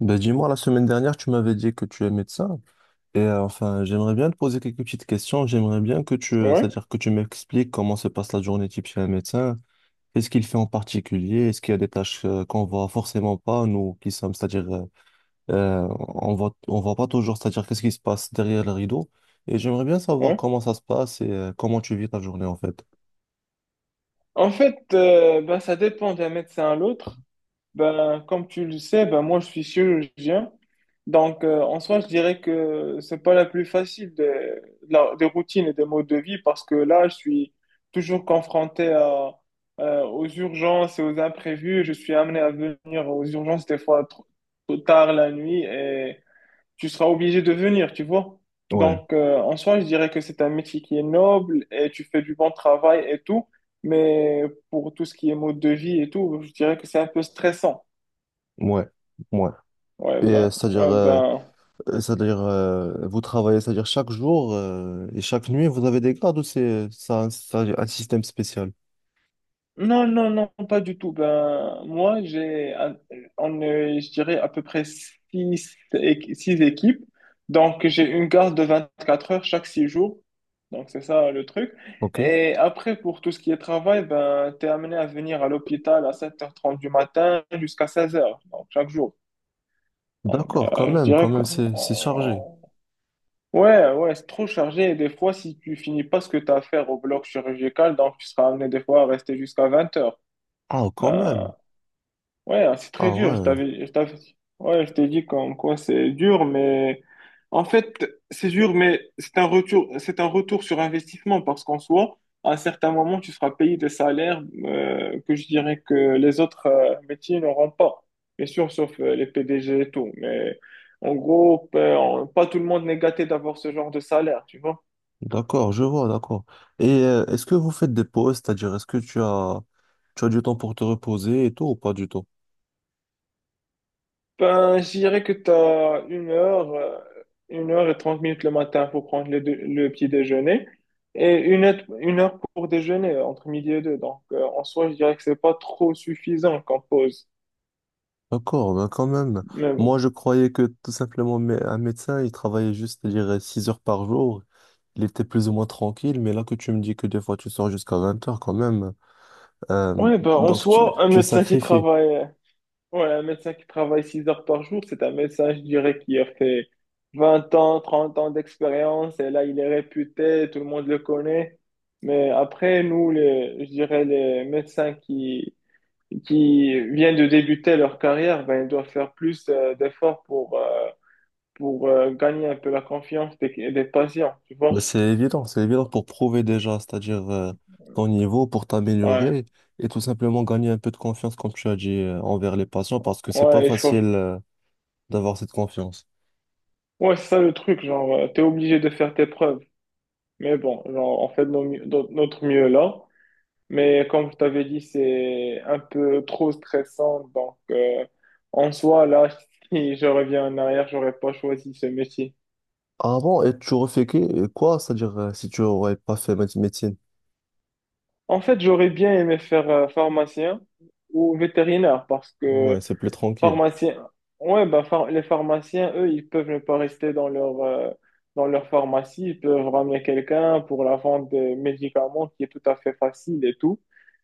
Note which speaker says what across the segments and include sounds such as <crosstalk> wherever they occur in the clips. Speaker 1: Ben dis-moi, la semaine dernière, tu m'avais dit que tu es médecin. Enfin, j'aimerais bien te poser quelques petites questions. J'aimerais bien que tu,
Speaker 2: Ouais,
Speaker 1: c'est-à-dire que tu m'expliques comment se passe la journée type chez un médecin. Qu'est-ce qu'il fait en particulier? Est-ce qu'il y a des tâches qu'on voit forcément pas, nous qui sommes, c'est-à-dire, euh, on voit pas toujours, c'est-à-dire qu'est-ce qui se passe derrière le rideau. Et j'aimerais bien savoir
Speaker 2: ouais.
Speaker 1: comment ça se passe et comment tu vis ta journée en fait.
Speaker 2: En fait, ben, ça dépend d'un médecin à l'autre. Ben, comme tu le sais, ben, moi, je suis chirurgien. Donc, en soi, je dirais que c'est pas la plus facile des routines et des modes de vie parce que là, je suis toujours confronté aux urgences et aux imprévus. Je suis amené à venir aux urgences des fois trop tard la nuit, et tu seras obligé de venir, tu vois.
Speaker 1: Ouais,
Speaker 2: Donc, en soi, je dirais que c'est un métier qui est noble et tu fais du bon travail et tout, mais pour tout ce qui est mode de vie et tout, je dirais que c'est un peu stressant.
Speaker 1: ouais, ouais. Et euh, c'est-à-dire,
Speaker 2: Ouais,
Speaker 1: euh,
Speaker 2: ben,
Speaker 1: C'est-à-dire, vous travaillez, c'est-à-dire chaque jour et chaque nuit, vous avez des gardes ou c'est ça, un système spécial?
Speaker 2: non, non, non, pas du tout. Ben, moi, on est, je dirais, à peu près six équipes. Donc, j'ai une garde de 24 heures chaque 6 jours. Donc, c'est ça le truc.
Speaker 1: Ok.
Speaker 2: Et après, pour tout ce qui est travail, ben, t'es amené à venir à l'hôpital à 7h30 du matin jusqu'à 16h, donc chaque jour. Donc,
Speaker 1: D'accord,
Speaker 2: je
Speaker 1: quand
Speaker 2: dirais que.
Speaker 1: même, c'est chargé.
Speaker 2: Ouais, ouais, c'est trop chargé. Et des fois, si tu finis pas ce que tu as à faire au bloc chirurgical, donc tu seras amené des fois à rester jusqu'à 20h.
Speaker 1: Ah, quand même.
Speaker 2: Ben, ouais, hein, c'est très
Speaker 1: Ah
Speaker 2: dur.
Speaker 1: ouais,
Speaker 2: Ouais, je t'ai dit comme quoi c'est dur, mais en fait, c'est dur, mais c'est un retour sur investissement parce qu'en soi, à un certain moment, tu seras payé des salaires que je dirais que les autres métiers n'auront pas. Bien sûr, sauf les PDG et tout. Mais en gros, pas tout le monde n'est gâté d'avoir ce genre de salaire, tu vois.
Speaker 1: d'accord, je vois, d'accord. Est-ce que vous faites des pauses, c'est-à-dire est-ce que tu as du temps pour te reposer et tout ou pas du tout?
Speaker 2: Ben, je dirais que tu as une heure et 30 minutes le matin pour prendre le petit déjeuner et une heure pour déjeuner entre midi et deux. Donc, en soi, je dirais que c'est pas trop suffisant comme pause.
Speaker 1: D'accord, ben quand même.
Speaker 2: Mais
Speaker 1: Moi,
Speaker 2: bon.
Speaker 1: je croyais que tout simplement un médecin, il travaillait juste, c'est à dire 6 heures par jour. Il était plus ou moins tranquille, mais là que tu me dis que des fois tu sors jusqu'à 20 heures quand même, euh,
Speaker 2: Ouais, ben, en
Speaker 1: donc
Speaker 2: soi, un
Speaker 1: tu
Speaker 2: médecin qui
Speaker 1: sacrifies.
Speaker 2: travaille, ouais, un médecin qui travaille 6 heures par jour, c'est un médecin, je dirais, qui a fait 20 ans, 30 ans d'expérience et là, il est réputé, tout le monde le connaît. Mais après, nous, les, je dirais, les médecins qui viennent de débuter leur carrière, ben, ils doivent faire plus d'efforts pour gagner un peu la confiance des patients, tu
Speaker 1: Ben,
Speaker 2: vois.
Speaker 1: c'est évident pour prouver déjà, c'est-à-dire ton niveau, pour
Speaker 2: Ouais,
Speaker 1: t'améliorer et tout simplement gagner un peu de confiance, comme tu as dit, envers les patients, parce que c'est pas
Speaker 2: ouais, il faut.
Speaker 1: facile. D'avoir cette confiance.
Speaker 2: Ouais, c'est ça le truc, genre, t'es obligé de faire tes preuves. Mais bon, genre, on fait de notre mieux là. Mais comme je t'avais dit, c'est un peu trop stressant. Donc, en soi, là, <laughs> si je reviens en arrière, j'aurais pas choisi ce métier.
Speaker 1: Ah bon, et tu aurais fait quoi? C'est-à-dire, si tu aurais pas fait médecine.
Speaker 2: En fait, j'aurais bien aimé faire pharmacien ou vétérinaire parce
Speaker 1: Ouais,
Speaker 2: que.
Speaker 1: c'est plus tranquille.
Speaker 2: Pharmaciens, ouais, bah, les pharmaciens, eux, ils peuvent ne pas rester dans leur pharmacie, ils peuvent ramener quelqu'un pour la vente des médicaments qui est tout à fait facile et tout.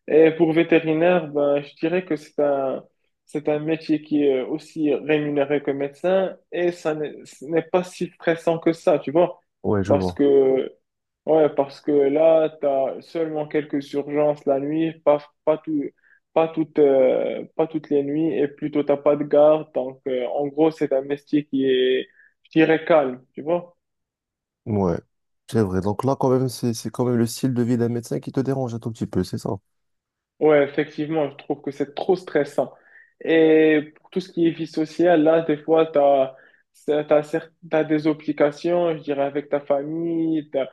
Speaker 2: Et pour vétérinaire, ben, je dirais que c'est un métier qui est aussi rémunéré que médecin et ça n'est ce n'est pas si stressant que ça, tu vois.
Speaker 1: Ouais, je
Speaker 2: Parce
Speaker 1: vois.
Speaker 2: que Ouais, parce que là, tu as seulement quelques urgences la nuit, pas, tout, pas toutes les nuits, et plutôt t'as pas de garde. Donc, en gros, c'est un métier qui est, je dirais, calme, tu vois.
Speaker 1: Ouais, c'est vrai. Donc là, quand même, c'est quand même le style de vie d'un médecin qui te dérange un tout petit peu, c'est ça?
Speaker 2: Ouais, effectivement, je trouve que c'est trop stressant. Et pour tout ce qui est vie sociale, là, des fois, tu as des obligations, je dirais, avec ta famille, ta,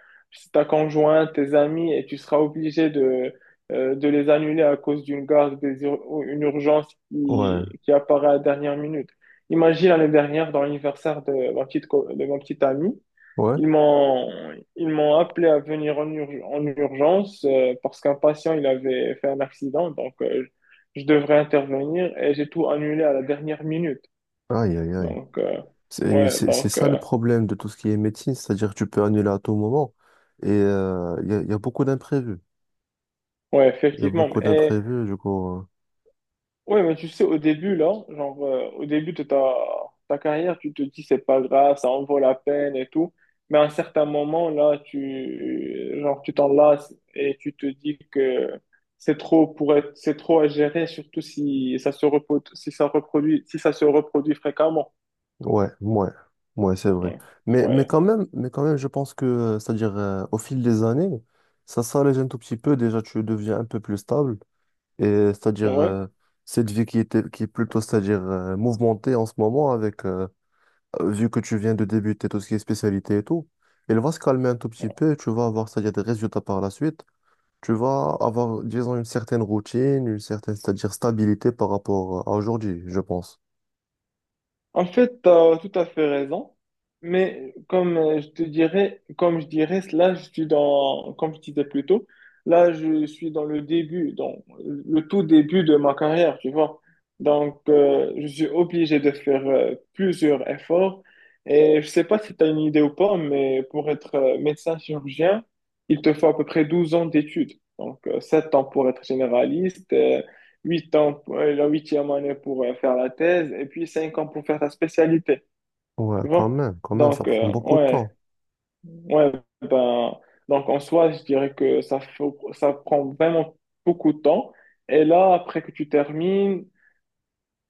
Speaker 2: ta conjointe, tes amis, et tu seras obligé de les annuler à cause d'une garde, ou une urgence
Speaker 1: Ouais,
Speaker 2: qui apparaît à la dernière minute. Imagine l'année dernière, dans l'anniversaire de de ma petite amie,
Speaker 1: ouais.
Speaker 2: ils m'ont, ils m'ont appelé à venir en urgence, parce qu'un patient il avait fait un accident, donc, je devrais intervenir et j'ai tout annulé à la dernière minute.
Speaker 1: Aïe, aïe, aïe.
Speaker 2: Donc, ouais,
Speaker 1: C'est
Speaker 2: donc,
Speaker 1: ça le problème de tout ce qui est médecine, c'est-à-dire que tu peux annuler à tout moment et il y a beaucoup d'imprévus.
Speaker 2: ouais,
Speaker 1: Il y a
Speaker 2: effectivement.
Speaker 1: beaucoup
Speaker 2: Et.
Speaker 1: d'imprévus, du coup.
Speaker 2: Ouais, mais tu sais, au début, là, genre, au début de ta carrière, tu te dis, c'est pas grave, ça en vaut la peine et tout. Mais à un certain moment, là, tu, genre, tu t'en lasses et tu te dis que c'est trop à gérer, surtout si ça se reproduit fréquemment.
Speaker 1: Ouais, ouais, ouais, c'est vrai.
Speaker 2: Ouais.
Speaker 1: Mais
Speaker 2: Ouais.
Speaker 1: quand même, mais quand même, je pense que, c'est-à-dire au fil des années, ça s'allège un tout petit peu. Déjà, tu deviens un peu plus stable. Et c'est-à-dire
Speaker 2: Ouais.
Speaker 1: cette vie qui qui est plutôt, c'est-à-dire mouvementée en ce moment, avec vu que tu viens de débuter tout ce qui est spécialité et tout, elle va se calmer un tout petit peu. Et tu vas avoir, c'est-à-dire des résultats par la suite. Tu vas avoir, disons, une certaine routine, une certaine, c'est-à-dire stabilité par rapport à aujourd'hui, je pense.
Speaker 2: En fait, tu as tout à fait raison, mais comme comme je dirais, là, comme je disais plus tôt, là, je suis dans le tout début de ma carrière, tu vois. Donc, je suis obligé de faire plusieurs efforts. Et je sais pas si tu as une idée ou pas, mais pour être médecin chirurgien, il te faut à peu près 12 ans d'études. Donc, 7 ans pour être généraliste, 8 ans, la huitième année pour faire la thèse, et puis 5 ans pour faire ta spécialité.
Speaker 1: Ouais,
Speaker 2: Tu vois?
Speaker 1: quand même, ça
Speaker 2: Donc,
Speaker 1: prend beaucoup de
Speaker 2: ouais,
Speaker 1: temps.
Speaker 2: ouais, ben, donc en soi, je dirais que ça prend vraiment beaucoup de temps. Et là, après que tu termines,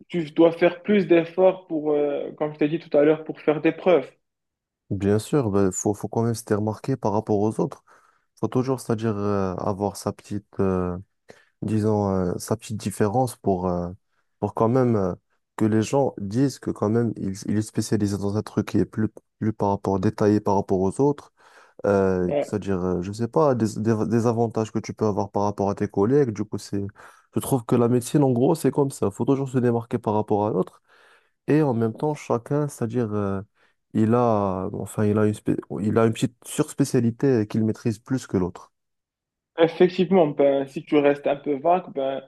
Speaker 2: tu dois faire plus d'efforts comme je t'ai dit tout à l'heure, pour faire des preuves.
Speaker 1: Bien sûr, ben, faut quand même se faire remarquer par rapport aux autres. Faut toujours, c'est-à-dire avoir sa petite, disons, sa petite différence pour pour quand même que les gens disent que quand même il est spécialisé dans un truc qui est plus, plus par rapport détaillé par rapport aux autres. Euh,
Speaker 2: Ouais.
Speaker 1: c'est-à-dire, euh, je sais pas, des avantages que tu peux avoir par rapport à tes collègues. Je trouve que la médecine, en gros, c'est comme ça. Faut toujours se démarquer par rapport à l'autre. Et en même temps, chacun, enfin, il a il a une petite surspécialité qu'il maîtrise plus que l'autre.
Speaker 2: Effectivement, ben, si tu restes un peu vague, ben,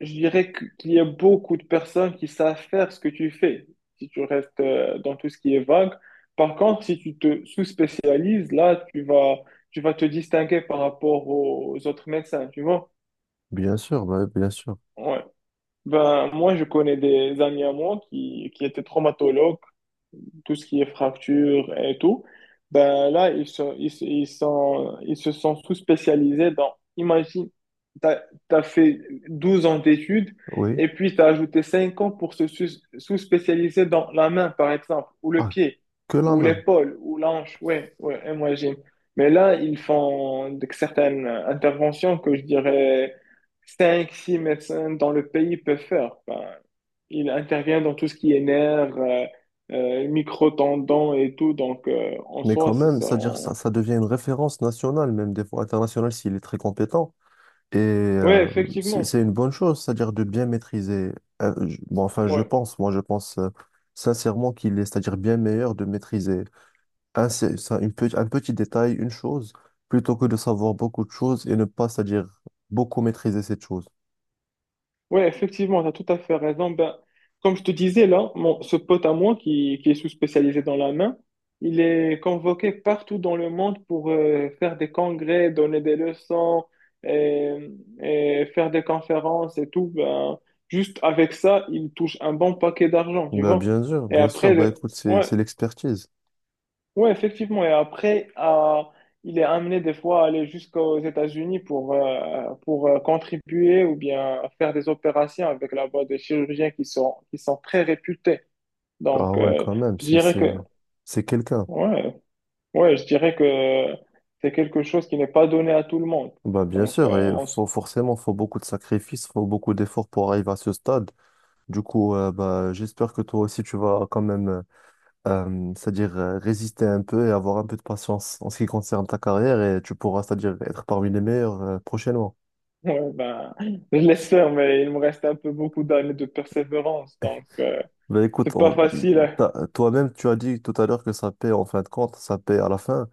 Speaker 2: je dirais qu'il y a beaucoup de personnes qui savent faire ce que tu fais, si tu restes dans tout ce qui est vague. Par contre, si tu te sous-spécialises, là, tu vas te distinguer par rapport aux autres médecins, tu vois?
Speaker 1: Bien sûr, bah, bien sûr.
Speaker 2: Ouais. Ben, moi, je connais des amis à moi qui étaient traumatologues, tout ce qui est fracture et tout, ben là, ils se sont sous-spécialisés imagine, t'as, t'as fait 12 ans d'études
Speaker 1: Oui.
Speaker 2: et puis t'as ajouté 5 ans pour se sous-spécialiser dans la main, par exemple, ou le
Speaker 1: Ah,
Speaker 2: pied,
Speaker 1: que la
Speaker 2: ou
Speaker 1: main.
Speaker 2: l'épaule, ou l'anche, ouais, ouais, imagine. Mais là, ils font certaines interventions que je dirais cinq six médecins dans le pays peuvent faire. Ben, il intervient dans tout ce qui est nerfs, micro-tendons et tout. Donc, en
Speaker 1: Mais
Speaker 2: soi,
Speaker 1: quand
Speaker 2: c'est
Speaker 1: même,
Speaker 2: ça.
Speaker 1: c'est-à-dire, ça devient une référence nationale, même des fois internationale, s'il est très compétent. Et
Speaker 2: Ouais,
Speaker 1: euh, c'est
Speaker 2: effectivement.
Speaker 1: c'est une bonne chose, c'est-à-dire de bien maîtriser. Bon, enfin, je
Speaker 2: Ouais,
Speaker 1: pense, je pense sincèrement qu'il est, c'est-à-dire bien meilleur de maîtriser une un petit détail, une chose, plutôt que de savoir beaucoup de choses et ne pas, c'est-à-dire beaucoup maîtriser cette chose.
Speaker 2: ouais, effectivement, tu as tout à fait raison. Ben, comme je te disais, là, ce pote à moi qui est sous-spécialisé dans la main, il est convoqué partout dans le monde pour faire des congrès, donner des leçons et, et faire des conférences et tout. Ben, juste avec ça, il touche un bon paquet d'argent, tu
Speaker 1: Ben,
Speaker 2: vois.
Speaker 1: bien sûr,
Speaker 2: Et
Speaker 1: bien sûr.
Speaker 2: après,
Speaker 1: Bah, écoute,
Speaker 2: ouais.
Speaker 1: c'est l'expertise.
Speaker 2: Oui, effectivement. Et après, il est amené des fois à aller jusqu'aux États-Unis pour contribuer ou bien faire des opérations avec là-bas des chirurgiens qui sont très réputés.
Speaker 1: Ah
Speaker 2: Donc,
Speaker 1: ouais, quand même,
Speaker 2: je dirais que,
Speaker 1: c'est quelqu'un.
Speaker 2: ouais, ouais, je dirais que c'est quelque chose qui n'est pas donné à tout le monde.
Speaker 1: Bah, bien
Speaker 2: Donc,
Speaker 1: sûr, et forcément, faut beaucoup de sacrifices, faut beaucoup d'efforts pour arriver à ce stade. Bah, j'espère que toi aussi, tu vas quand même. C'est-à-dire, résister un peu et avoir un peu de patience en ce qui concerne ta carrière et tu pourras, c'est-à-dire être parmi les meilleurs prochainement.
Speaker 2: <laughs> ouais, ben, je l'espère, mais il me reste un peu beaucoup d'années de persévérance. Donc,
Speaker 1: Ben écoute,
Speaker 2: c'est pas
Speaker 1: on-
Speaker 2: facile, hein.
Speaker 1: T'as toi-même, tu as dit tout à l'heure que ça paie en fin de compte, ça paie à la fin.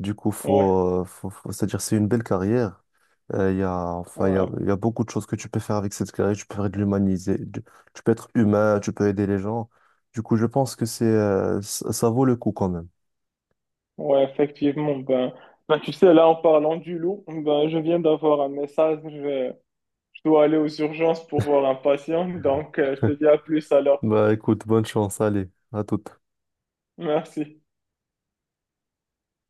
Speaker 1: Du coup,
Speaker 2: Ouais,
Speaker 1: c'est-à-dire c'est une belle carrière. Il y a, enfin, il y a,
Speaker 2: ouais.
Speaker 1: Il y a beaucoup de choses que tu peux faire avec cette carrière. Tu peux faire de l'humaniser, du- Tu peux être humain, tu peux aider les gens. Du coup, je pense que c'est, ça ça vaut le coup quand même.
Speaker 2: Ouais, effectivement. Ben, ben, tu sais, là, en parlant du loup, ben, je viens d'avoir un message. Je dois aller aux urgences pour voir un patient. Donc, je te dis à plus
Speaker 1: <laughs>
Speaker 2: alors.
Speaker 1: Bah écoute, bonne chance, allez, à toute.
Speaker 2: Merci.